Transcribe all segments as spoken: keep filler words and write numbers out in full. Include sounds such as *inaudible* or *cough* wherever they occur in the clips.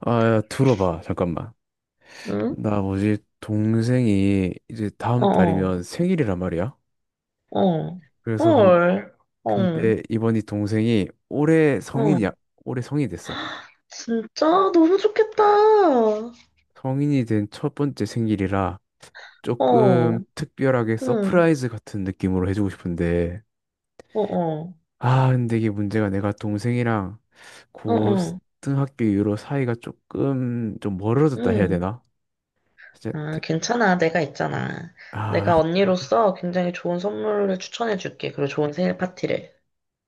아, 야, 들어봐. 잠깐만. 응? 나 뭐지? 동생이 이제 어, 다음 어, 달이면 생일이란 말이야. 어. 그래서 근, 헐. 어, 근데 이번이 동생이 올해 어. 성인이야. 올해 성인이 됐어. 진짜 너무 좋겠다. 성인이 된 첫 번째 생일이라 어, 조금 특별하게 응, 서프라이즈 같은 느낌으로 해주고 싶은데. 어, 어, 아, 근데 이게 문제가 내가 동생이랑 어, 어, 고등학교 이후로 사이가 조금 좀 멀어졌다 해야 응. 되나? 진짜 아, 대- 괜찮아. 내가 있잖아. 아, 내가 언니로서 굉장히 좋은 선물을 추천해줄게. 그리고 좋은 생일 파티를.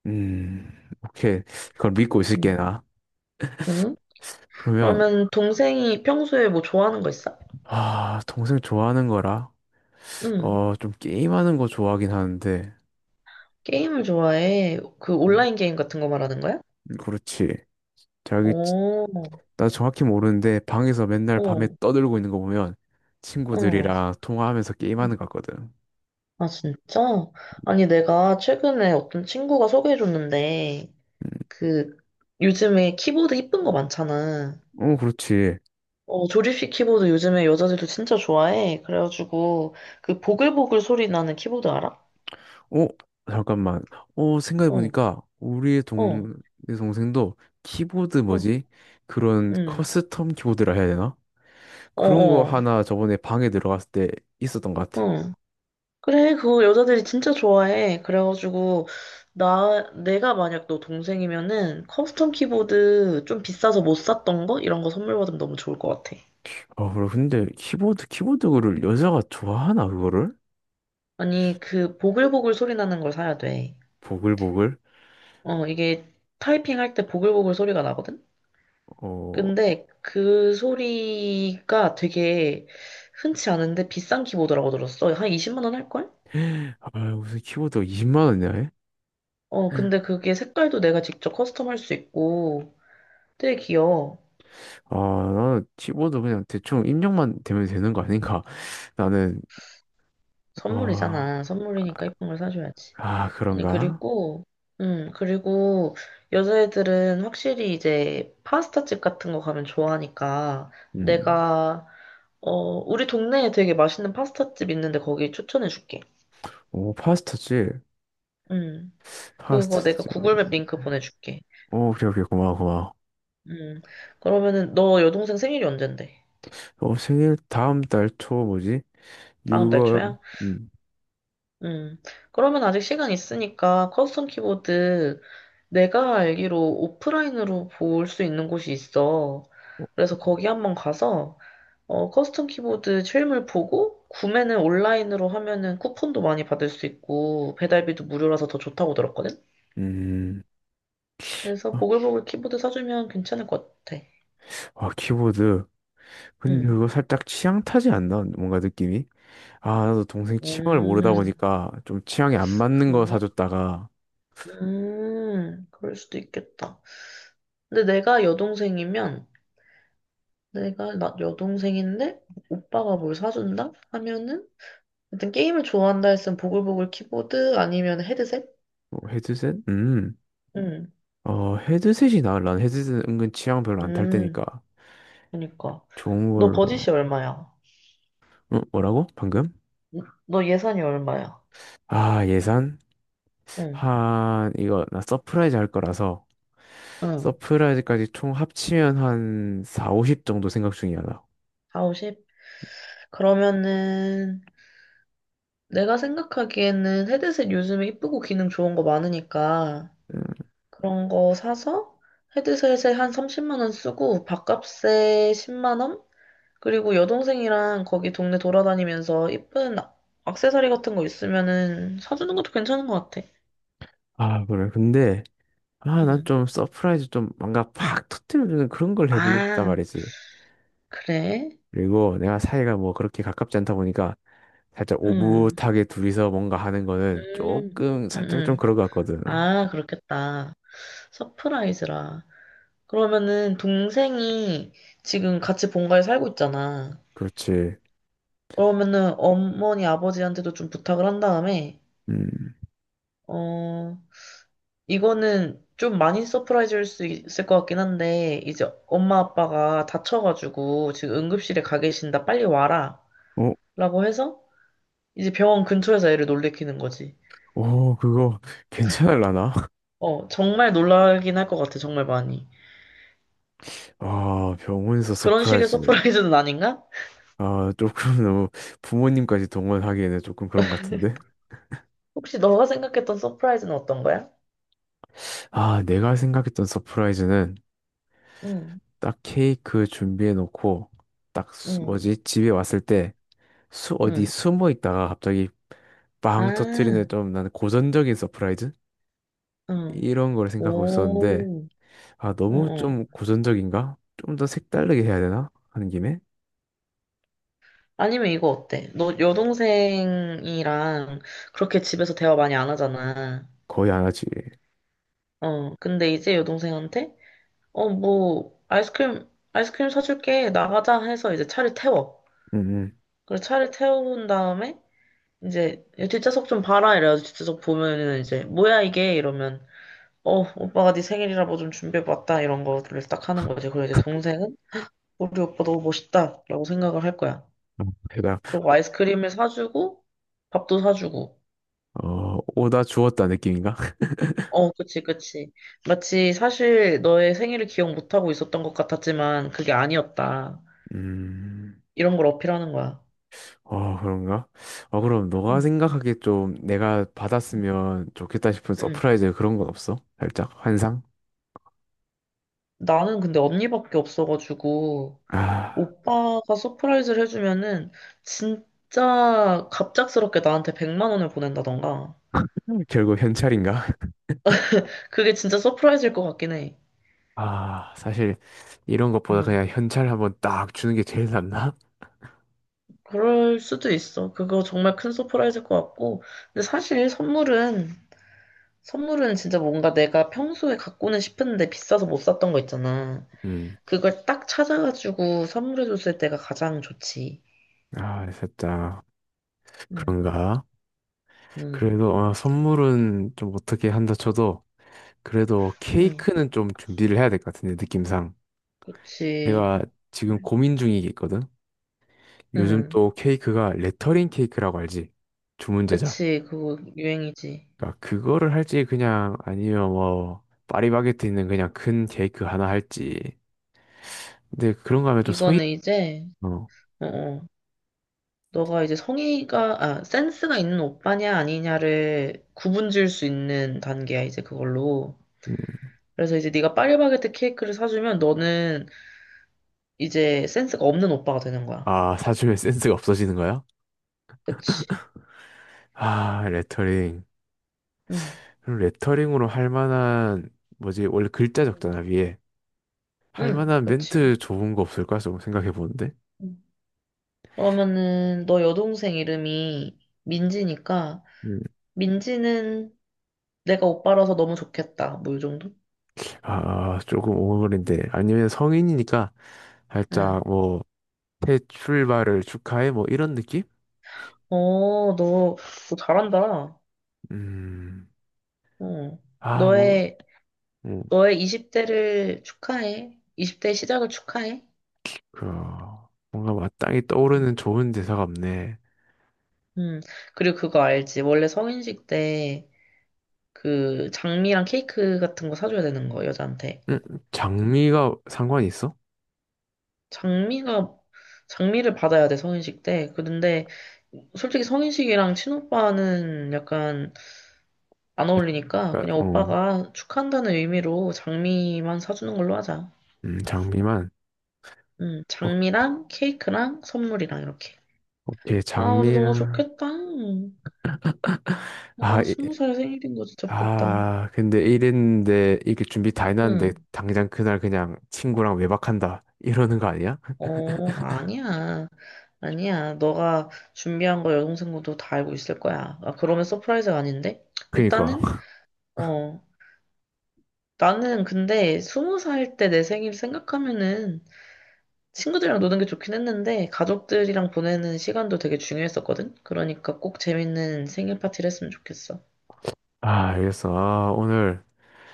음, 오케이. 그걸 믿고 있을게, 응, 나. 응? 그러면 그러면 동생이 평소에 뭐 좋아하는 거 있어? 아, 동생 좋아하는 거라, 응. 어, 좀 게임하는 거 좋아하긴 하는데, 게임을 좋아해. 그 음, 온라인 게임 같은 거 말하는 거야? 그렇지. 자기 치- 오, 나 정확히 모르는데 방에서 맨날 밤에 어, 떠들고 있는 거 보면 어. 친구들이랑 통화하면서 게임하는 것 같거든. 아, 진짜? 아니, 내가 최근에 어떤 친구가 소개해줬는데, 음, 그, 요즘에 키보드 이쁜 거 많잖아. 어, 그렇지. 어, 조립식 키보드 요즘에 여자들도 진짜 좋아해. 그래가지고, 그 보글보글 소리 나는 키보드 알아? 어, 잠깐만. 어 생각해 어, 보니까 우리의 어, 동 내 동생도 키보드 어, 뭐지, 그런 응, 커스텀 키보드라 해야 되나, 어, 그런 거 어, 하나 저번에 방에 들어갔을 때 있었던 것 같아. 어. 그래, 그거 여자들이 진짜 좋아해. 그래가지고, 나, 내가 만약 너 동생이면은 커스텀 키보드 좀 비싸서 못 샀던 거? 이런 거 선물 받으면 너무 좋을 것 같아. 아, 그래. 근데 키보드, 키보드를 여자가 좋아하나, 그거를? 아니, 그 보글보글 소리 나는 걸 사야 돼. 보글보글? 어, 이게 타이핑할 때 보글보글 소리가 나거든? 어, 근데 그 소리가 되게 흔치 않은데 비싼 키보드라고 들었어. 한 이십만 원 할걸? 아, 무슨 키보드가 이십만 원이냐, 해? 어, 근데 그게 색깔도 내가 직접 커스텀할 수 있고 되게 귀여워. 아, 나는 키보드 그냥 대충 입력만 되면 되는 거 아닌가? *laughs* 나는, 아, 선물이잖아. 선물이니까 예쁜 걸 사줘야지. 아, 아니, 그런가? 그리고, 음, 그리고 여자애들은 확실히 이제 파스타집 같은 거 가면 좋아하니까 음. 내가 어, 우리 동네에 되게 맛있는 파스타집 있는데 거기 추천해줄게. 오, 파스타지? 음, 그거 내가 파스타지. 구글맵 링크 보내줄게. 오, 오케이, 오케이, 고마워, 고마워. 음, 그러면은 너 여동생 생일이 언젠데? 어, 생일 다음 달 초, 뭐지? 다음 달 유월, 초야? 음, 음, 그러면 아직 시간 있으니까 커스텀 키보드 내가 알기로 오프라인으로 볼 수 있는 곳이 있어. 어, 그래서 거기 한번 가서 어, 커스텀 키보드 실물 보고 구매는 온라인으로 하면은 쿠폰도 많이 받을 수 있고 배달비도 무료라서 더 좋다고 들었거든? 음. 그래서 아, 보글보글 키보드 사주면 괜찮을 것 같아. 아, 키보드. 근데 응. 그거 살짝 취향 타지 않나? 뭔가 느낌이? 아, 나도 동생 취향을 모르다 음, 보니까 좀 취향에 안 맞는 거 그런가? 사줬다가. 음, 그럴 수도 있겠다. 근데 내가 여동생이면, 내가 나 여동생인데, 오빠가 뭘 사준다? 하면은, 일단 게임을 좋아한다 했으면 보글보글 키보드 아니면 헤드셋? 뭐 헤드셋? 음. 응, 어, 헤드셋이 나아. 난 헤드셋은 은근 취향 별로 안 탈 음, 때니까. 그니까. 좋은 너 걸로. 버짓이 얼마야? 어, 뭐라고? 방금? 너 예산이 얼마야? 아, 예산? 응, 한, 이거, 나 서프라이즈 할 거라서, 응. 서프라이즈까지 총 합치면 한 사, 오십 정도 생각 중이야, 나. 사십, 오십? 그러면은, 내가 생각하기에는 헤드셋 요즘에 이쁘고 기능 좋은 거 많으니까 음, 그런 거 사서 헤드셋에 한 삼십만 원 쓰고 밥값에 십만 원? 그리고 여동생이랑 거기 동네 돌아다니면서 이쁜 악- 액세서리 같은 거 있으면은 사주는 것도 괜찮은 것 같아. 아, 그래. 근데, 아, 난 음. 좀 서프라이즈 좀 뭔가 팍 터뜨려주는 그런 걸 해보고 싶단 아, 말이지. 그래? 그리고 내가 사이가 뭐 그렇게 가깝지 않다 보니까 살짝 음. 오붓하게 둘이서 뭔가 하는 거는 음. 조금 음. 살짝 좀 음. 그런 것 같거든. 아, 그렇겠다. 서프라이즈라. 그러면은 동생이 지금 같이 본가에 살고 있잖아. 그렇지. 그러면은 어머니 아버지한테도 좀 부탁을 한 다음에 음. 어, 이거는 좀 많이 서프라이즈일 수 있을 것 같긴 한데 이제 엄마 아빠가 다쳐가지고 지금 응급실에 가 계신다 빨리 와라 어, 라고 해서 이제 병원 근처에서 애를 놀래키는 거지. 어, 그거 *laughs* 괜찮을라나? *laughs* 어, 정말 놀라긴 할 것 같아 정말 많이. 아, 병원에서 그런 식의 서프라이즈. 서프라이즈는 아닌가? 아, 조금 *laughs* 너무 부모님까지 동원하기에는 조금 그런 것 같은데? 혹시 너가 생각했던 서프라이즈는 어떤 거야? 아, 내가 생각했던 서프라이즈는 응, 딱 케이크 준비해 놓고 딱 수- 응, 뭐지? 집에 왔을 때 수, 어디 응. 숨어 있다가 갑자기 빵 터트리는, 아, 좀 나는 고전적인 서프라이즈? 응. 이런 걸 생각하고 있었는데. 오, 아, 응, 너무 응. 좀 고전적인가? 좀 더 색다르게 해야 되나? 하는 김에. 아니면 이거 어때? 너 여동생이랑 그렇게 집에서 대화 많이 안 하잖아. 거의 안 하지. 어, 근데 이제 여동생한테, 어, 뭐, 아이스크림, 아이스크림 사줄게. 나가자 해서 이제 차를 태워. 음, 음. 그래서 차를 태운 다음에, 이제, 야, 뒷좌석 좀 봐라. 이래가지고 뒷좌석 보면은 이제, 뭐야 이게? 이러면, 어, 오빠가 네 생일이라 뭐 좀 준비해봤다. 이런 거를 딱 하는 거지. 그리고 이제 동생은, 우리 오빠 너무 멋있다. 라고 생각을 할 거야. 어, 대답. 그리고 아이스크림을 사주고, 밥도 사주고. 어, 오다 주었다 느낌인가? *laughs* 어, 그치, 그치. 마치 사실 너의 생일을 기억 못하고 있었던 것 같았지만 그게 아니었다. 음, 이런 걸 어필하는 거야. 어, 그런가? 어, 그럼 너가 응. 생각하기에 좀 내가 받았으면 좋겠다 싶은 응. 서프라이즈, 그런 건 없어? 살짝 환상? 나는 근데 언니밖에 없어가지고 아, 오빠가 서프라이즈를 해주면은 진짜 갑작스럽게 나한테 백만 원을 보낸다던가. *laughs* 결국 현찰인가? *laughs* 그게 진짜 서프라이즈일 것 같긴 해. 아, 사실 이런 것보다 응. 그냥 현찰 한번 딱 주는 게 제일 낫나? 그럴 수도 있어. 그거 정말 큰 서프라이즈일 것 같고. 근데 사실 선물은 선물은 진짜 뭔가 내가 평소에 갖고는 싶은데 비싸서 못 샀던 거 있잖아. 음, 그걸 딱 찾아가지고 선물해줬을 때가 가장 좋지. 아, 살짝 응, 그런가? 응, 그래도 어, 선물은 좀 어떻게 한다 쳐도 그래도 응. 케이크는 좀 준비를 해야 될 것 같은데, 느낌상. 그치, 내가 지금 고민 중이겠거든. 요즘 응. 또 케이크가 레터링 케이크라고 알지? 주문 제작. 그치, 그거 유행이지. 그러니까 그거를 할지, 그냥 아니면 뭐 파리바게트 있는 그냥 큰 케이크 하나 할지. 근데 그런 거 하면 좀 성의. 이거는 이제, 어. 어, 어. 너가 이제 성의가, 아, 센스가 있는 오빠냐 아니냐를 구분 지을 수 있는 단계야, 이제 그걸로. 음. 그래서 이제 네가 파리바게트 케이크를 사주면 너는 이제 센스가 없는 오빠가 되는 거야. 아, 사주면 센스가 없어지는 거야? 그치? 아, 레터링. 응. 그럼 레터링으로 할 만한 뭐지? 원래 글자 적잖아, 위에. 할 응, 만한 그렇지. 멘트 좋은 거 없을까? 조금 생각해 보는데. 응. 그러면은 너 여동생 이름이 민지니까 음. 민지는 내가 오빠라서 너무 좋겠다. 뭐 이 정도? 아, 조금 오글거린데. 아니면 성인이니까 응. 살짝 뭐, 새 출발을 축하해, 뭐, 이런 느낌? 어, 너, 너 잘한다. 음, 어. 아, 뭔, 너의 음, 너의 이십 대를 축하해. 이십 대 시작을 축하해. 그, 뭔가 마땅히 응. 떠오르는 좋은 대사가 없네. 음, 그리고 그거 알지? 원래 성인식 때 그 장미랑 케이크 같은 거 사줘야 되는 거 여자한테. 음, 장미가 상관이 있어? 장미가 장미를 받아야 돼 성인식 때. 그런데 솔직히 성인식이랑 친오빠는 약간 안 어울리니까 그냥 그러니까, 어, 오빠가 축하한다는 의미로 장미만 사주는 걸로 하자. 음, 장미만. 음, 어, 장미랑 케이크랑 선물이랑 이렇게. 오케이, 아, 근데 너무 장미랑. 좋겠다. 아, 와, 스무 살 생일인 거 진짜 부럽다. 아, 근데 이랬는데, 이게 준비 다 해놨는데, 응. 당장 그날 그냥 친구랑 외박한다. 이러는 거 아니야? 어, 아니야. 아니야. 너가 준비한 거 여동생도 다 알고 있을 거야. 아, 그러면 서프라이즈가 아닌데? 그니까. 일단은, 어, 나는 근데 스무 살 때 내 생일 생각하면은 친구들이랑 노는 게 좋긴 했는데 가족들이랑 보내는 시간도 되게 중요했었거든? 그러니까 꼭 재밌는 생일 파티를 했으면 좋겠어. 아, 알겠어. 아, 오늘,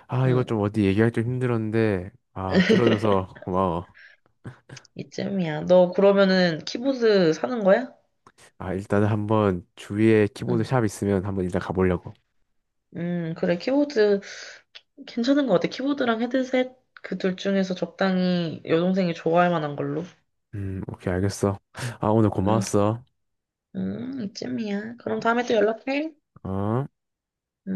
아, 이거 응, 좀 어디 얘기하기 좀 힘들었는데, 아, 들어줘서 고마워. 이쯤이야. 너 그러면은 키보드 사는 거야? 아, 일단은 한번 주위에 키보드 응. 샵 있으면 한번 일단 가보려고. 음, 그래. 키보드 괜찮은 것 같아. 키보드랑 헤드셋 그 둘 중에서 적당히 여동생이 좋아할 만한 걸로. 음, 오케이, 알겠어. 아, 오늘 응, 고마웠어. 응, 이쯤이야. 그럼 다음에 또 연락해. 어?